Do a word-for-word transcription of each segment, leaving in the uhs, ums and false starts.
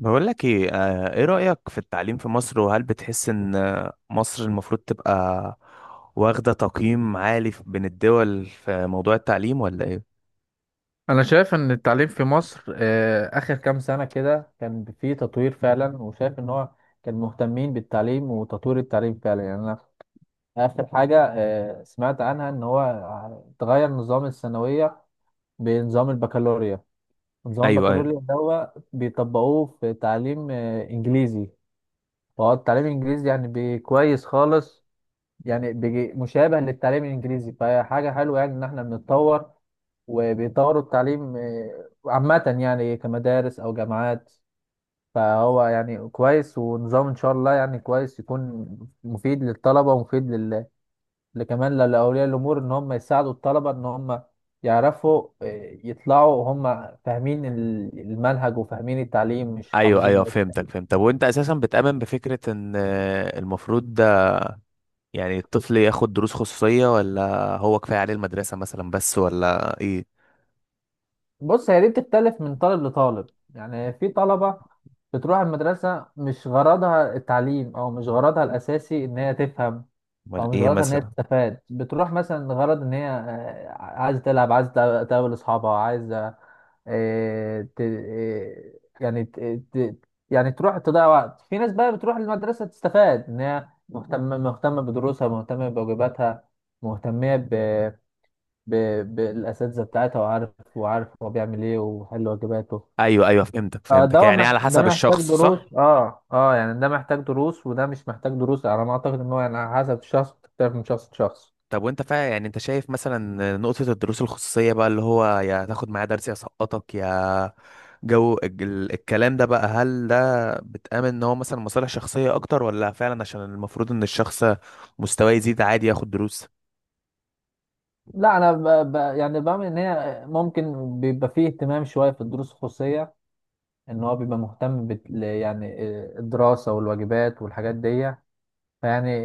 بقول لك ايه آه، ايه رأيك في التعليم في مصر، وهل بتحس ان آه، مصر المفروض تبقى واخدة تقييم عالي في- بين الدول في موضوع التعليم ولا ايه؟ انا شايف ان التعليم في مصر آه، اخر كام سنة كده كان فيه تطوير فعلا، وشايف ان هو كان مهتمين بالتعليم وتطوير التعليم فعلا. يعني انا اخر حاجة آه، سمعت عنها ان هو تغير نظام الثانوية بنظام البكالوريا. نظام ايوه ايوه. البكالوريا ده هو بيطبقوه في تعليم آه، انجليزي. فهو التعليم الانجليزي يعني بي- كويس خالص. يعني بيجي مشابه للتعليم الانجليزي، فهي حاجة حلوة يعني ان احنا بنتطور. وبيطوروا التعليم آه، عامة، يعني كمدارس أو جامعات. فهو يعني كويس، ونظام إن شاء الله يعني كويس يكون مفيد للطلبة ومفيد لل... لكمان لأولياء الأمور إن هم يساعدوا الطلبة، إن هم يعرفوا آه، يطلعوا هم فاهمين ال- المنهج وفاهمين التعليم، مش ايوه حافظين ايوه بس. فهمتك فهمت. طب وانت اساسا بتؤمن بفكرة ان آه، المفروض ده يعني الطفل ياخد دروس خصوصية، ولا هو كفاية عليه المدرسة مثلا بس، ولا ايه؟ بص، هي دي بتختلف من طالب لطالب. يعني في طلبة بتروح المدرسة مش غرضها التعليم، أو مش غرضها الأساسي إن هي تفهم. ولا او مش ايه غلطها ان هي مثلا؟ تستفاد، بتروح مثلا غرض ان هي آه، عايزه تلعب، عايزه تقابل تقابل اصحابها، عايزه آه، ت- آه، يعني ت- ت- يعني تروح تضيع وقت في ناس. بقى بتروح المدرسه تستفاد، ان هي مهتمه مهتمه بدروسها، مهتمه بواجباتها، مهتمه ب... ب... بالاساتذه بتاعتها، وعارف وعارف هو بيعمل ايه وحل واجباته. ايوه ايوه فهمتك آه، فهمتك، ده يعني مح... على ده حسب محتاج الشخص، دروس، صح. اه اه يعني ده محتاج دروس وده مش محتاج دروس، على ما اعتقد ان هو يعني على حسب الشخص، بتختلف من شخص لشخص. طب وانت فا يعني انت شايف مثلا نقطة الدروس الخصوصية بقى، اللي هو يا تاخد معايا درس يا سقطك، يا جو الج- ال- الكلام ده بقى، هل ده بتآمن ان هو مثلا مصالح شخصية اكتر، ولا فعلا عشان المفروض ان الشخص مستواه يزيد عادي ياخد دروس؟ لا انا ب... ب... يعني بعمل ان هي ممكن بيبقى فيه اهتمام شويه في الدروس الخصوصيه، ان هو بيبقى مهتم بت... ل- يعني آه، الدراسه والواجبات والحاجات دي. فيعني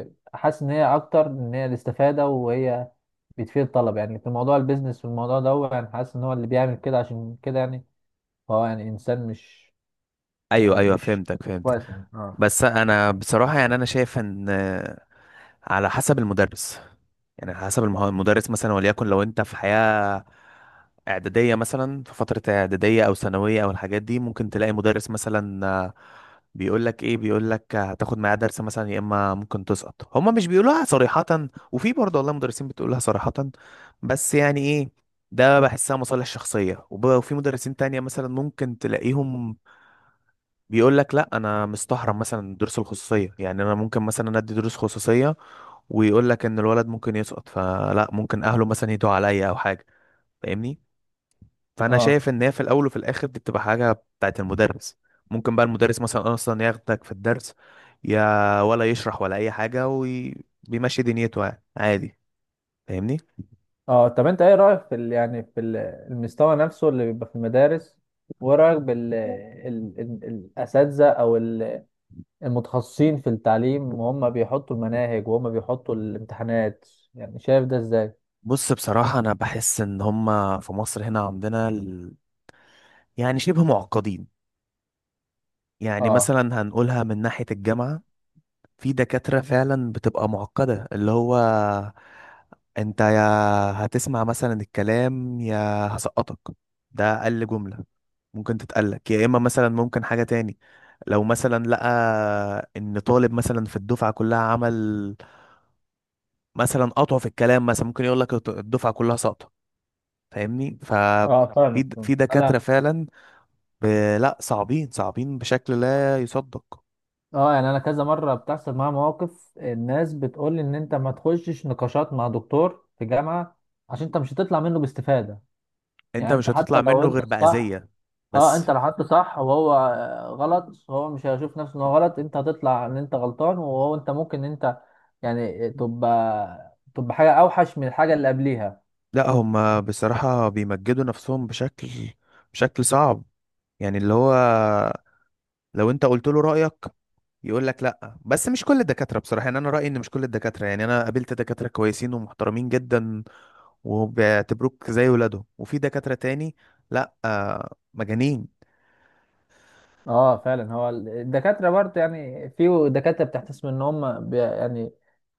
آه، حاسس ان هي اكتر ان هي الاستفاده، وهي بتفيد الطلبه. يعني في موضوع البيزنس والموضوع ده، هو يعني حاسس ان هو اللي بيعمل كده عشان كده، يعني هو يعني انسان مش ايوه يعني ايوه مش فهمتك فهمتك. كويس يعني اه بس انا بصراحة يعني انا شايف ان على حسب المدرس، يعني على حسب المه- المدرس مثلا، وليكن لو انت في حياة اعدادية مثلا، في فترة اعدادية او ثانوية او الحاجات دي، ممكن تلاقي مدرس مثلا آه، بيقول لك ايه، بيقول لك هتاخد معاه درس مثلا يا اما ممكن تسقط، هما مش بيقولوها صريحة، وفي برضه والله مدرسين بتقولها صريحة، بس يعني ايه، ده بحسها مصالح شخصية، وب- وفي مدرسين تانية مثلا ممكن تلاقيهم بيقول لك لا انا مستحرم مثلا الدروس الخصوصيه، يعني انا ممكن مثلا أنا ادي دروس خصوصيه، ويقول لك ان الولد ممكن يسقط، فلا ممكن اهله مثلا يدعوا عليا او حاجه، فاهمني. فانا اه شايف ان هي في الاول وفي الاخر دي بتبقى حاجه بتاعت المدرس، ممكن بقى المدرس مثلا اصلا ياخدك في الدرس يا ولا يشرح ولا اي حاجه وبيمشي دنيته يعني عادي، فاهمني. اه طب انت ايه رايك في ال... يعني في ال- المستوى نفسه اللي بيبقى في المدارس؟ وايه رايك بال ال... ال... الاساتذه او ال- المتخصصين في التعليم، وهم بيحطوا المناهج وهم بيحطوا الامتحانات؟ يعني شايف ده ازاي؟ بص بصراحه انا بحس ان هما في مصر هنا عندنا ال... يعني شبه معقدين، يعني اه مثلا هنقولها من ناحيه الجامعه. في دكاترة فعلا بتبقى معقدة، اللي هو انت يا هتسمع مثلا الكلام يا هسقطك، ده اقل جملة ممكن تتقلك، يا اما مثلا ممكن حاجة تاني، لو مثلا لقى ان طالب مثلا في الدفعة كلها عمل مثلا قطع في الكلام مثلا، ممكن يقول لك الدفعة كلها ساقطة، فاهمني ف اه فاهمك في فاهمك. في دكاترة انا فعلا ب... لا، صعبين، صعبين بشكل لا يصدق. اه يعني انا كذا مره بتحصل معايا مواقف، الناس بتقول لي ان انت ما تخشش نقاشات مع دكتور في جامعه، عشان انت مش هتطلع منه باستفاده. انت يعني مش انت حتى هتطلع لو منه انت غير الصح، بأذية، اه بس انت لو حطه صح وهو غلط، هو مش هيشوف نفسه ان هو غلط، انت هتطلع ان انت غلطان، وهو انت ممكن ان انت يعني تبقى تبقى حاجه اوحش من الحاجه اللي قبليها. لا هم بصراحة بيمجدوا نفسهم بشكل، بشكل صعب، يعني اللي هو لو انت قلت له رأيك، يقول لك لا، بس مش كل الدكاترة بصراحة، يعني انا رأيي ان مش كل الدكاترة، يعني انا قابلت دكاترة كويسين ومحترمين جدا وبيعتبروك زي ولادهم، وفي دكاترة تاني لا آه، مجانين. اه فعلا. هو ال- الدكاتره برضه، يعني في دكاتره بتحتسب ان هم بي يعني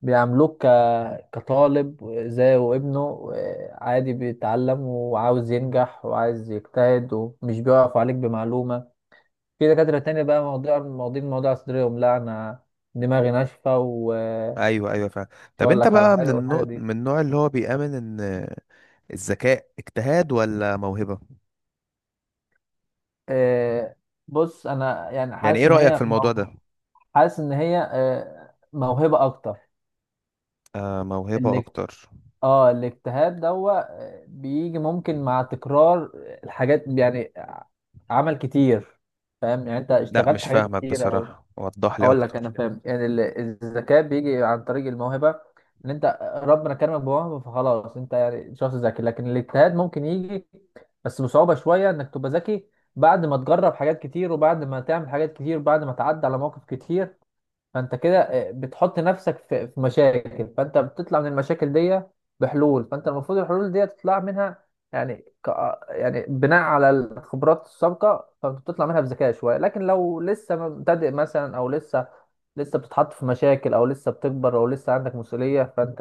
بيعاملوك ك- كطالب زيه وابنه، عادي بيتعلم وعاوز ينجح وعايز يجتهد، ومش بيقف عليك بمعلومه. في دكاتره تانية بقى، مواضيع مواضيع الموضوع صدرهم، لا انا دماغي ناشفة، ايوه ايوه فاهم. مش طب هقول انت لك على بقى من حاجه والحاجه النوع دي. من النوع اللي هو بيآمن ان الذكاء اجتهاد ولا موهبة؟ آه بص، انا يعني يعني حاسس ايه ان رأيك في هي الموضوع ده؟ مو- حاسس ان هي آه موهبه اكتر. آه موهبة اللي اكتر. اه الاجتهاد دوا آه، بيجي ممكن مع تكرار الحاجات، يعني آه، عمل كتير. فاهم يعني انت لا اشتغلت مش حاجات فاهمك كتير او... بصراحة، وضح لي اقول لك، انا اكتر. فاهم. يعني ال- الذكاء بيجي عن طريق الموهبه، ان انت ربنا كرمك بموهبه، فخلاص انت يعني شخص ذكي. لكن الاجتهاد ممكن يجي بس بصعوبه شويه انك تبقى ذكي، بعد ما تجرب حاجات كتير، وبعد ما تعمل حاجات كتير، وبعد ما تعدي على مواقف كتير. فانت كده آه، بتحط نفسك في في مشاكل، فانت بتطلع من المشاكل دي بحلول، فانت المفروض الحلول دي تطلع منها. يعني ك... آه، يعني بناء على الخبرات السابقه، فبتطلع منها بذكاء شويه. لكن لو لسه مبتدئ مثلا، او لسه لسه بتتحط في مشاكل، او لسه بتكبر، او لسه عندك مسؤوليه، فانت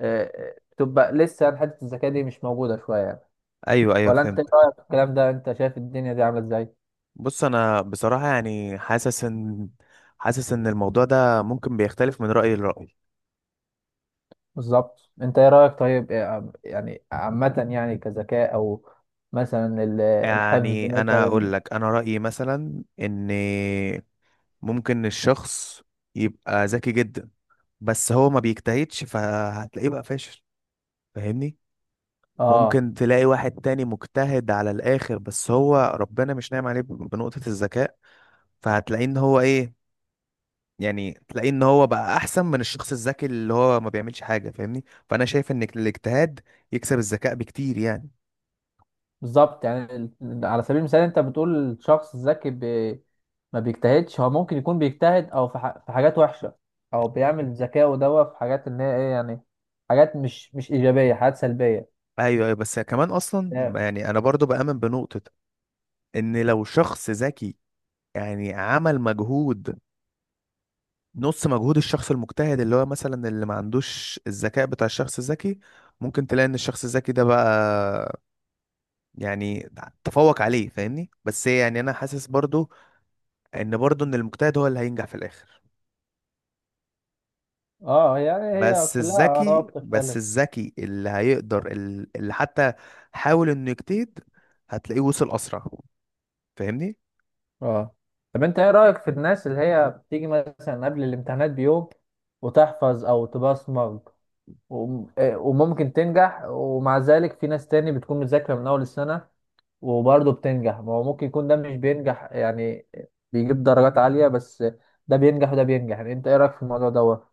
آه، آه، بتبقى لسه يعني حته الذكاء دي مش موجوده شويه يعني. ايوه ايوه ولا انت ايه فهمت. رايك في الكلام ده؟ انت شايف الدنيا دي عامله ازاي؟ بص انا بصراحة يعني حاسس ان حاسس ان الموضوع ده ممكن بيختلف من رأي لرأي، بالظبط. انت ايه رأيك؟ طيب، إيه- يعني عامة يعني كذكاء، او مثلا ال- الحفظ يعني انا اقول مثلا. لك انا رأيي مثلا ان ممكن الشخص يبقى ذكي جدا، بس هو ما بيجتهدش، فهتلاقيه بقى فاشل، فاهمني. اه ممكن تلاقي واحد تاني مجتهد على الاخر، بس هو ربنا مش ناعم عليه بنقطة الذكاء، فهتلاقيه ان هو ايه، يعني تلاقيه ان هو بقى احسن من الشخص الذكي اللي هو ما بيعملش حاجه، فاهمني. فانا شايف ان الاجتهاد يكسب الذكاء بكتير يعني. بالظبط. يعني ال- على سبيل المثال، انت بتقول الشخص الذكي بي ما بيجتهدش، هو ممكن يكون بيجتهد او في، ح... في حاجات وحشة، او بيعمل ذكاءه دوا في حاجات ان هي ايه يعني، حاجات مش مش ايجابية، حاجات سلبية. ايوه ايوه. بس كمان اصلا يعني انا برضو بامن بنقطه ان لو شخص ذكي يعني عمل مجهود، نص مجهود الشخص المجتهد اللي هو مثلا اللي ما عندوش الذكاء بتاع الشخص الذكي، ممكن تلاقي ان الشخص الذكي ده بقى يعني تفوق عليه، فاهمني. بس يعني انا حاسس برضو ان برضو ان المجتهد هو اللي هينجح في الاخر، اه، يعني هي بس كلها آراء الذكي بس بتختلف. الذكي اللي هيقدر ال- اللي حتى حاول انه يجتهد، هتلاقيه وصل اسرع، فاهمني. اه. طب انت ايه رأيك في الناس اللي هي بتيجي مثلا قبل الامتحانات بيوم وتحفظ او تبصمج، وم- آه، وممكن تنجح؟ ومع ذلك في ناس تاني بتكون مذاكرة من اول السنة وبرضه بتنجح. ما هو ممكن يكون ده مش بينجح، يعني بيجيب درجات عالية بس. ده بينجح وده بينجح، يعني انت ايه رأيك في الموضوع دوت؟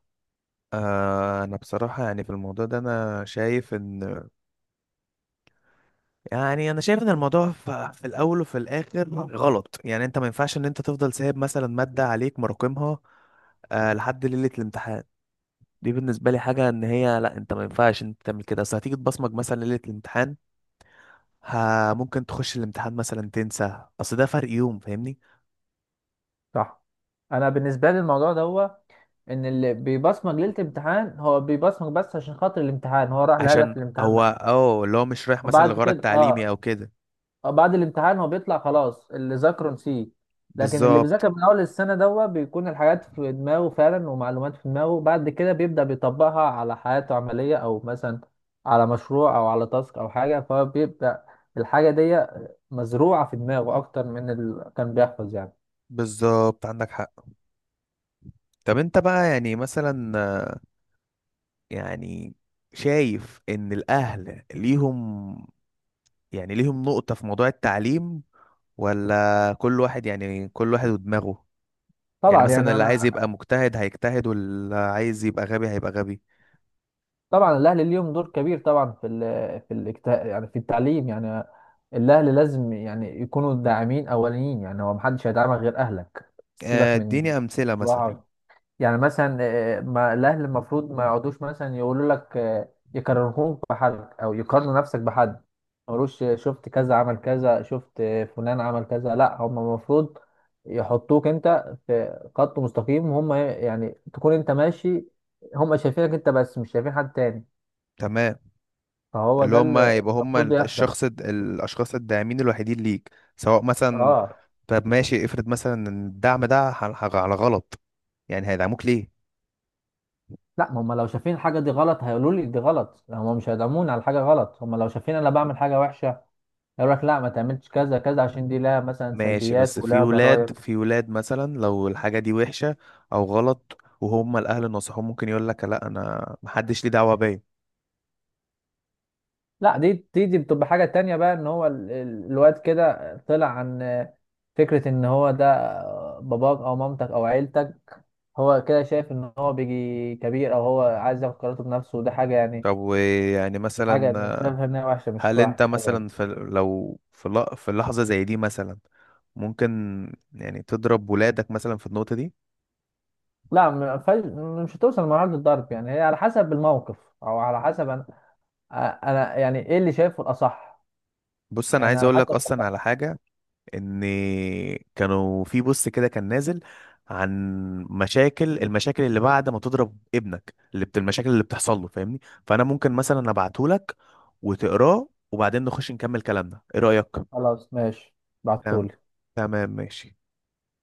آه انا بصراحة يعني في الموضوع ده انا شايف ان، يعني انا شايف ان الموضوع ف- في الاول وفي الاخر غلط، يعني انت ما ينفعش ان انت تفضل سايب مثلا مادة عليك مراكمها آه لحد ليلة الامتحان، دي بالنسبة لي حاجة ان هي لا، انت ما ينفعش انت تعمل كده، اصل هتيجي تبصمج مثلا ليلة الامتحان، ها ممكن تخش الامتحان مثلا تنسى، اصل ده فرق يوم، فاهمني. صح. انا بالنسبة لي الموضوع دوت ان اللي بيبصمج ليلة الامتحان هو بيبصمج بس عشان خاطر الامتحان، هو راح عشان لهدف الامتحان هو بقى. اه اللي هو مش رايح مثلا وبعد لغرض كده تعليمي او اه كده. اه بعد الامتحان هو بيطلع خلاص، اللي ذاكره نسيه. لكن اللي بيذاكر بالظبط. من اول السنه دوت، بيكون الحاجات في دماغه فعلا ومعلومات في دماغه، بعد كده بيبدا بيطبقها على حياته عمليه، او مثلا على مشروع او على تاسك او حاجه، فبيبدا الحاجه دي مزروعه في دماغه اكتر من اللي كان بيحفظ يعني. بالظبط عندك حق. طب انت بقى يعني مثلا، يعني شايف ان الاهل ليهم يعني ليهم نقطة في موضوع التعليم، ولا كل واحد يعني كل واحد ودماغه، يعني طبعا. مثلا يعني اللي عايز انا يبقى مجتهد هيجتهد، واللي عايز يبقى غبي هيبقى غبي. طبعا الاهلي ليهم دور كبير طبعا في ال في الاجت- يعني في التعليم يعني. الاهلي لازم يعني يكونوا داعمين اوليين، يعني هو محدش هيدعمك غير اهلك، آه، سيبك من اديني امثلة مثلا. الواقع. يعني مثلا آه، ما الاهلي المفروض ما يقعدوش مثلا يقولوا لك آه، يكرهوك بحد، او يقارنوا نفسك بحد، ما يقولوش آه، شفت كذا عمل كذا، شفت آه، فلان عمل كذا. لا، هم المفروض يحطوك انت في خط مستقيم هم، يعني تكون انت ماشي، هم شايفينك انت بس، مش شايفين حد تاني. تمام. فهو اللي ده هم اللي يبقى هم المفروض يحصل. الشخص الد- الاشخاص الداعمين الوحيدين ليك، سواء مثلا. اه. طب ماشي افرض مثلا ان الدعم ده ح- ح- على غلط، يعني هيدعموك ليه؟ لا هم لو شايفين الحاجه دي غلط هيقولوا لي دي غلط، يعني هم مش هيدعموني على حاجه غلط. هم لو شايفين انا بعمل حاجه وحشه، يقول لك لا ما تعملش كذا كذا، عشان دي لها مثلا ماشي، سلبيات بس في ولها ولاد ضرائب. في ولاد مثلا لو الحاجة دي وحشة او غلط وهم الاهل نصحوه، ممكن يقول لك لا انا محدش ليه دعوة بيا. لا، دي دي دي بتبقى حاجه تانية بقى، ان هو ال- ال- الواد كده طلع عن فكره ان هو ده باباك او مامتك او عيلتك. هو كده شايف ان هو بيجي كبير، او هو عايز ياخد قراراته بنفسه، وده حاجه يعني طب ويعني حاجه مثلا، شايفها انها وحشه، مش هل انت وحش حلوه. مثلا في لو في ل- في لحظة زي دي مثلا ممكن يعني تضرب ولادك مثلا في النقطة دي؟ لا، م- فج... مش هتوصل لمرحلة الضرب. يعني هي على حسب الموقف، او على حسب انا أ- انا يعني ايه اللي شايفه الاصح. بص انا يعني عايز على اقول حسب لك اصلا الاصح. على حاجة، ان كانوا في بوست كده كان نازل عن مشاكل، المشاكل اللي بعد ما تضرب ابنك، اللي بت المشاكل اللي بتحصل له، فاهمني. فانا ممكن مثلا ابعته لك وتقراه، وبعدين نخش نكمل كلامنا، ايه رأيك؟ خلاص، ماشي، تمام. بعتهولي. تمام ماشي.